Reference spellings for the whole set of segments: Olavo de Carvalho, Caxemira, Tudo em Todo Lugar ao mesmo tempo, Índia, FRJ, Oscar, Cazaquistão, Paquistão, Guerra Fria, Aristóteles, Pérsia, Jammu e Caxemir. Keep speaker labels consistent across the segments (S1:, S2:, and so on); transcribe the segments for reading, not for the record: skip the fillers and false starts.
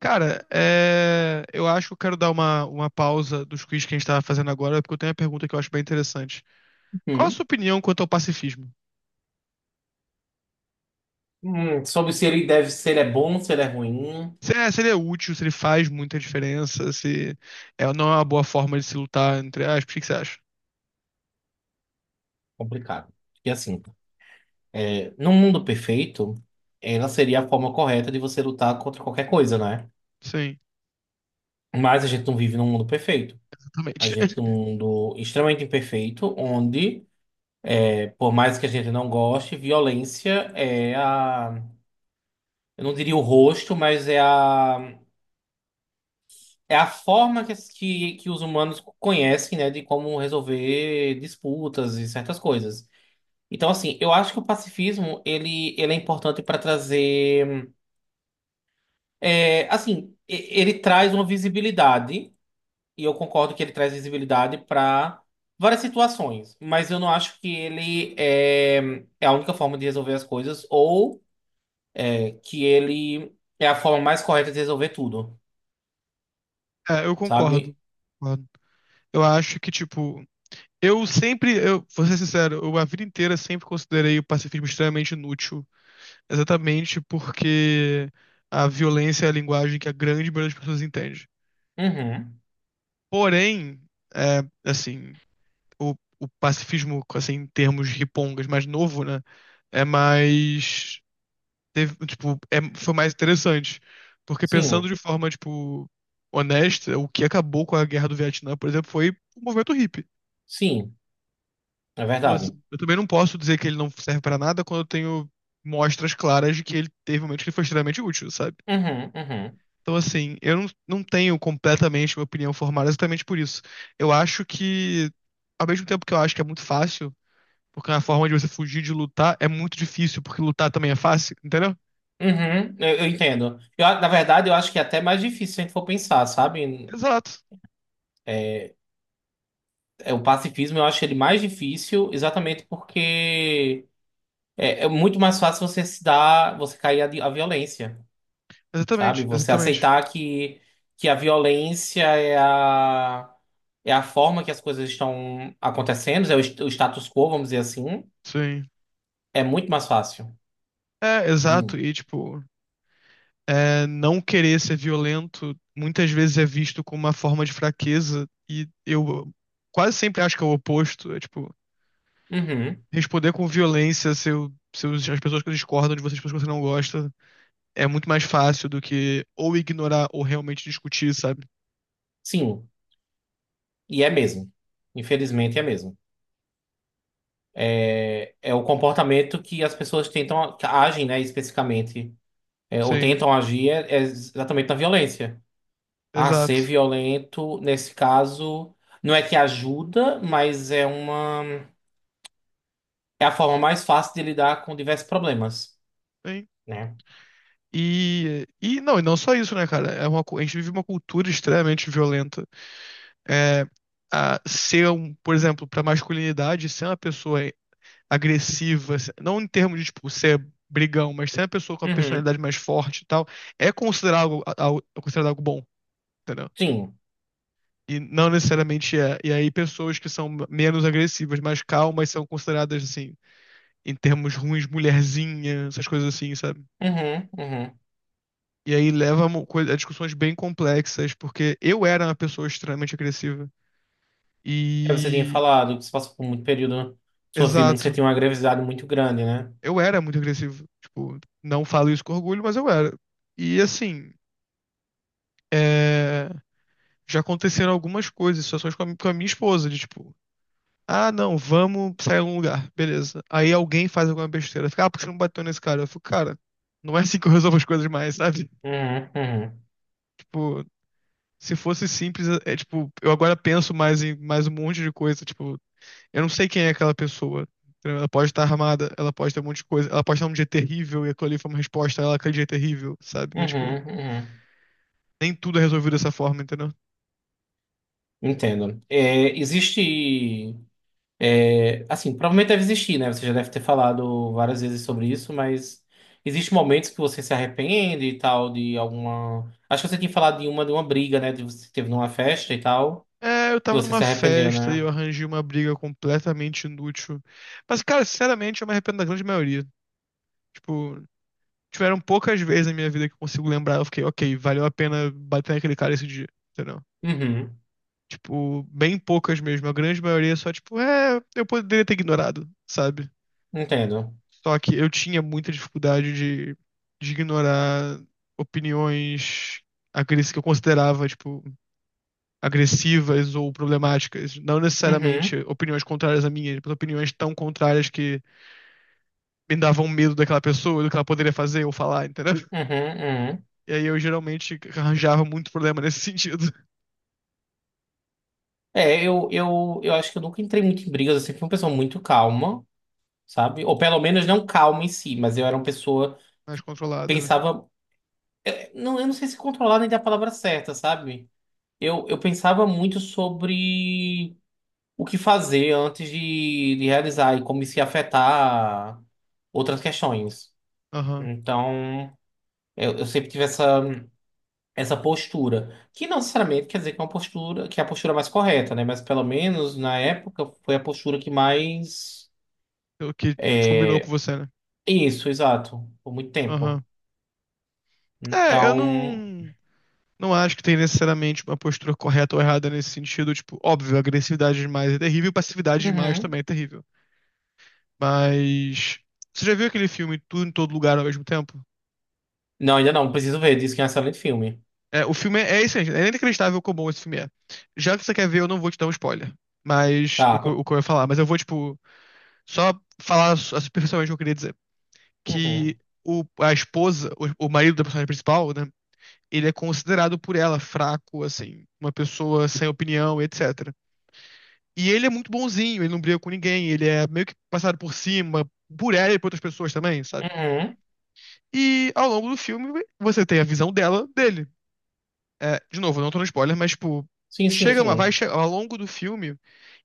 S1: Cara, eu acho que eu quero dar uma pausa dos quiz que a gente estava fazendo agora, porque eu tenho uma pergunta que eu acho bem interessante. Qual a
S2: Hum.
S1: sua opinião quanto ao pacifismo?
S2: Sobre se ele deve, se ele é bom, se ele é ruim.
S1: Se ele é útil, se ele faz muita diferença, se é, não é uma boa forma de se lutar, entre aspas, o que que você acha?
S2: Complicado. E assim, num mundo perfeito, ela seria a forma correta de você lutar contra qualquer coisa, né?
S1: Sim,
S2: Mas a gente não vive num mundo perfeito. A
S1: exatamente.
S2: gente vive num mundo extremamente imperfeito, onde, por mais que a gente não goste, violência é a, eu não diria o rosto, mas é a forma que os humanos conhecem, né, de como resolver disputas e certas coisas. Então, assim, eu acho que o pacifismo, ele é importante para trazer. Assim, ele traz uma visibilidade, e eu concordo que ele traz visibilidade para várias situações, mas eu não acho que ele é a única forma de resolver as coisas, ou que ele é a forma mais correta de resolver tudo,
S1: É, eu
S2: sabe?
S1: concordo, concordo. Eu acho que, tipo, eu vou ser sincero, eu a vida inteira sempre considerei o pacifismo extremamente inútil, exatamente porque a violência é a linguagem que a grande maioria das pessoas entende.
S2: Uhum.
S1: Porém, é, assim, o, o pacifismo, assim, em termos ripongas mais novo, né? É mais. Teve, tipo, foi mais interessante. Porque pensando
S2: Sim,
S1: de forma, tipo, honesta, o que acabou com a guerra do Vietnã, por exemplo, foi o movimento hippie.
S2: sim, é
S1: Então, assim,
S2: verdade.
S1: eu também não posso dizer que ele não serve pra nada quando eu tenho mostras claras de que ele teve momentos que ele foi extremamente útil, sabe?
S2: Uhum, uhum.
S1: Então, assim, eu não, não tenho completamente uma opinião formada exatamente por isso. Eu acho que, ao mesmo tempo que eu acho que é muito fácil, porque é uma forma de você fugir de lutar, é muito difícil, porque lutar também é fácil, entendeu?
S2: Uhum, eu entendo. Eu, na verdade, eu acho que é até mais difícil se a gente for pensar, sabe?
S1: Exato.
S2: É, o pacifismo eu acho ele mais difícil, exatamente porque é muito mais fácil você se dar, você cair à, à violência, sabe?
S1: Exatamente,
S2: Você
S1: exatamente.
S2: aceitar que a violência é a forma que as coisas estão acontecendo, o status quo, vamos dizer assim,
S1: Sim.
S2: é muito mais fácil.
S1: É, exato.
S2: Hum.
S1: E, tipo, não querer ser violento muitas vezes é visto como uma forma de fraqueza, e eu quase sempre acho que é o oposto. É, tipo,
S2: Uhum.
S1: responder com violência as pessoas que discordam de você, as pessoas que você não gosta, é muito mais fácil do que ou ignorar ou realmente discutir, sabe?
S2: Sim, e é mesmo. Infelizmente é mesmo. É, é o comportamento que as pessoas tentam, que agem, né, especificamente. É, ou
S1: Sim,
S2: tentam agir é exatamente na violência. Ah, ser
S1: exato.
S2: violento, nesse caso, não é que ajuda, mas é uma. É a forma mais fácil de lidar com diversos problemas,
S1: Sim.
S2: né?
S1: E não só isso, né, cara? A gente vive uma cultura extremamente violenta. É, por exemplo, pra masculinidade, ser uma pessoa agressiva, não em termos de tipo, ser brigão, mas ser uma pessoa com a
S2: Uhum.
S1: personalidade mais forte e tal, é considerado algo bom, entendeu?
S2: Sim.
S1: E não necessariamente é. E aí, pessoas que são menos agressivas, mais calmas, são consideradas assim em termos ruins, mulherzinha, essas coisas assim, sabe?
S2: Uhum, uhum.
S1: E aí leva a discussões bem complexas, porque eu era uma pessoa extremamente agressiva.
S2: É, você tinha
S1: E.
S2: falado que você passou por muito período da sua vida onde você
S1: Exato.
S2: tinha uma agressividade muito grande, né?
S1: Eu era muito agressivo. Tipo, não falo isso com orgulho, mas eu era. E assim, é, já aconteceram algumas coisas, situações com a minha esposa, de tipo, ah, não, vamos sair a um lugar, beleza. Aí alguém faz alguma besteira, fica, ah, por que você não bateu nesse cara? Eu fico, cara, não é assim que eu resolvo as coisas mais, sabe?
S2: Uhum, uhum.
S1: Tipo, se fosse simples, é tipo, eu agora penso mais em mais um monte de coisa, tipo, eu não sei quem é aquela pessoa. Entendeu? Ela pode estar armada, ela pode ter um monte de coisa, ela pode estar um dia terrível e aquilo ali foi uma resposta ela aquele dia é terrível, sabe? É tipo,
S2: Uhum, uhum.
S1: nem tudo é resolvido dessa forma, entendeu?
S2: Entendo. É, existe. É, assim, provavelmente deve existir, né? Você já deve ter falado várias vezes sobre isso, mas existem momentos que você se arrepende e tal, de alguma. Acho que você tinha falado de uma briga, né? De você teve numa festa e tal,
S1: É, eu
S2: que
S1: tava
S2: você
S1: numa
S2: se arrependeu,
S1: festa e eu
S2: né?
S1: arranjei uma briga completamente inútil. Mas, cara, sinceramente, eu me arrependo da grande maioria. Tipo, tiveram poucas vezes na minha vida que eu consigo lembrar, eu fiquei, ok, valeu a pena bater naquele cara esse dia, entendeu?
S2: Uhum,
S1: Tipo, bem poucas mesmo. A grande maioria só, tipo, é, eu poderia ter ignorado, sabe?
S2: entendo.
S1: Só que eu tinha muita dificuldade de ignorar opiniões agressivas que eu considerava, tipo, agressivas ou problemáticas. Não necessariamente
S2: Uhum,
S1: opiniões contrárias à minha, mas opiniões tão contrárias que me davam medo daquela pessoa, do que ela poderia fazer ou falar, entendeu?
S2: uhum, uhum.
S1: E aí eu geralmente arranjava muito problema nesse sentido.
S2: É, eu acho que eu nunca entrei muito em brigas, eu sempre fui uma pessoa muito calma, sabe? Ou pelo menos não calma em si, mas eu era uma pessoa
S1: Mais
S2: que
S1: controlada, né?
S2: pensava. Eu não sei se controlar nem dar a palavra certa, sabe? Eu pensava muito sobre o que fazer antes de realizar e como isso ia afetar outras questões.
S1: Aham.
S2: Então, eu sempre tive essa, postura, que não necessariamente quer dizer que é uma postura, que é a postura mais correta, né? Mas pelo menos na época foi a postura que mais.
S1: O que combinou com você, né?
S2: Isso, exato, por muito
S1: Aham.
S2: tempo.
S1: É, eu
S2: Então,
S1: não. Não acho que tem necessariamente uma postura correta ou errada nesse sentido. Tipo, óbvio, agressividade demais é terrível, passividade demais
S2: uhum.
S1: também é terrível. Mas. Você já viu aquele filme Tudo em Todo Lugar ao Mesmo Tempo?
S2: Não, ainda não, preciso ver, diz que é um excelente filme.
S1: É, o filme é, é isso, gente. É inacreditável como bom esse filme é. Já que você quer ver, eu não vou te dar um spoiler. Mas. O
S2: Tá.
S1: que, eu- o que eu ia falar. Mas eu vou, tipo, só falar superficialmente o que eu queria dizer. Que
S2: Uhum.
S1: o, a esposa, o marido da personagem principal, né? Ele é considerado por ela fraco, assim, uma pessoa sem opinião, etc. E ele é muito bonzinho, ele não briga com ninguém, ele é meio que passado por cima, por ela e por outras pessoas também, sabe?
S2: Uhum.
S1: E ao longo do filme, você tem a visão dela, dele. É, de novo, não tô no spoiler, mas, tipo,
S2: Sim, sim,
S1: chega uma, vai
S2: sim.
S1: che- ao longo do filme,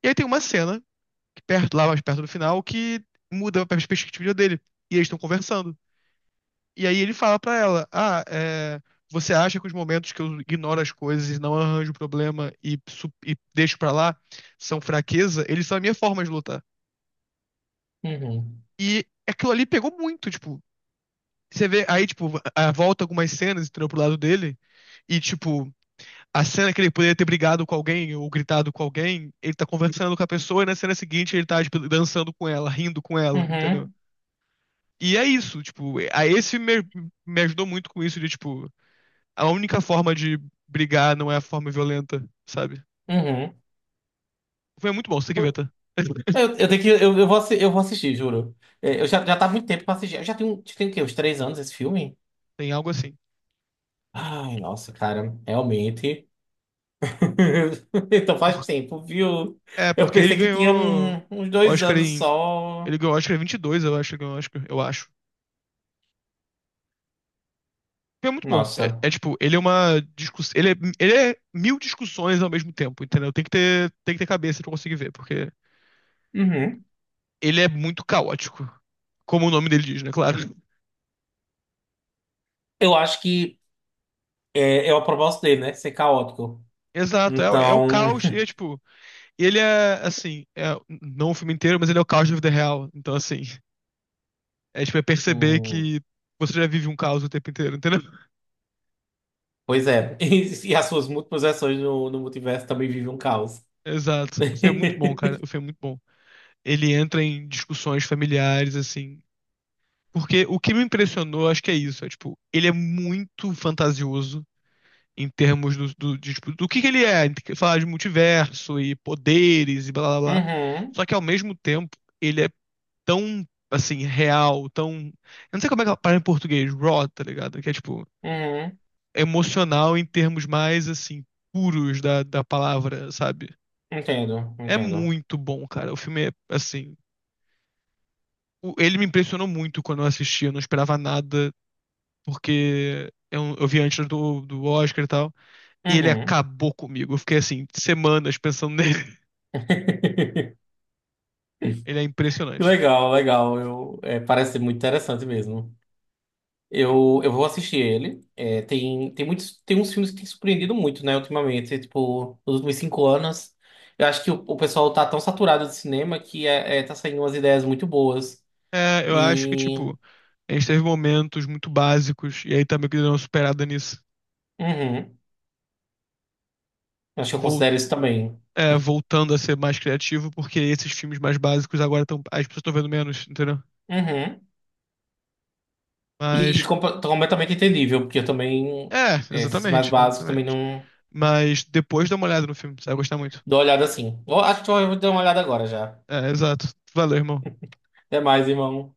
S1: e aí tem uma cena, que perto, lá mais perto do final, que muda a perspectiva dele. E eles estão conversando. E aí ele fala pra ela: ah, você acha que os momentos que eu ignoro as coisas e não arranjo problema e, e deixo pra lá são fraqueza? Eles são a minha forma de lutar.
S2: Uhum.
S1: E aquilo ali pegou muito, tipo. Você vê, aí, tipo, volta algumas cenas, entrou pro lado dele, e, tipo, a cena que ele poderia ter brigado com alguém ou gritado com alguém, ele tá conversando com a pessoa e na cena seguinte ele tá, tipo, dançando com ela, rindo com ela, entendeu?
S2: Uhum.
S1: E é isso, tipo, me ajudou muito com isso de, tipo, a única forma de brigar não é a forma violenta, sabe?
S2: Uhum.
S1: Foi muito bom, você tem que ver,
S2: Eu,
S1: tá?
S2: eu tenho que. Eu vou assistir, juro. É, eu já, tá há muito tempo pra assistir. Eu já tenho o quê? Uns 3 anos esse filme?
S1: Tem algo assim.
S2: Ai, nossa, cara, realmente. Então faz
S1: Por-
S2: tempo, viu? Eu
S1: Porque ele
S2: pensei que tinha
S1: ganhou
S2: uns dois
S1: Oscar
S2: anos
S1: em.
S2: só.
S1: Ele ganhou Oscar em 22, eu acho, ele ganhou Oscar, eu acho. É muito bom. É,
S2: Nossa.
S1: é tipo, ele é uma discussão. Ele é mil discussões ao mesmo tempo, entendeu? Tem que ter cabeça pra conseguir ver, porque
S2: Uhum.
S1: ele é muito caótico. Como o nome dele diz, né? Claro.
S2: Eu acho que é o propósito dele, né? Ser caótico.
S1: Exato, é o
S2: Então.
S1: caos, e é tipo, ele é assim, não o filme inteiro, mas ele é o caos da vida real. Então, assim, a gente vai perceber
S2: Hum,
S1: que você já vive um caos o tempo inteiro, entendeu?
S2: pois é. E, as suas múltiplas versões no multiverso também vivem um caos.
S1: Exato. O filme é muito bom, cara. O filme é muito bom. Ele entra em discussões familiares, assim. Porque o que me impressionou, acho que é isso. É, tipo, ele é muito fantasioso em termos de, tipo, do que ele é. Ele fala de multiverso e poderes e blá blá blá. Só
S2: Uhum.
S1: que ao mesmo tempo, ele é tão, assim, real, tão. Eu não sei como é que ela fala em português, raw, tá ligado? Que é tipo,
S2: Uhum.
S1: emocional em termos mais, assim, puros da, da palavra, sabe?
S2: Entendo,
S1: É
S2: entendo.
S1: muito bom, cara. O filme é, assim, ele me impressionou muito quando eu assisti. Eu não esperava nada, porque eu vi antes do, do Oscar e tal. E ele
S2: Uhum.
S1: acabou comigo. Eu fiquei, assim, semanas pensando nele. Ele é
S2: Que
S1: impressionante.
S2: legal, legal. Eu, parece ser muito interessante mesmo. Eu vou assistir ele. É, tem uns filmes que têm surpreendido muito, né, ultimamente. Tipo, nos últimos 5 anos. Eu acho que o pessoal tá tão saturado de cinema que tá saindo umas ideias muito boas.
S1: É, eu acho que,
S2: E.
S1: tipo, a gente teve momentos muito básicos. E aí também que deu uma superada nisso.
S2: Uhum. Acho que eu
S1: Vol-
S2: considero isso também.
S1: É, voltando a ser mais criativo, porque esses filmes mais básicos agora estão. As pessoas estão vendo menos, entendeu?
S2: Uhum. E, e
S1: Mas.
S2: compa- completamente entendível, porque eu também.
S1: É,
S2: Esses mais
S1: exatamente,
S2: básicos também
S1: exatamente.
S2: não
S1: Mas depois dá uma olhada no filme, você vai gostar muito.
S2: dou uma olhada assim. Eu acho que eu vou dar uma olhada agora já.
S1: É, exato. Valeu, irmão.
S2: Até mais, irmão.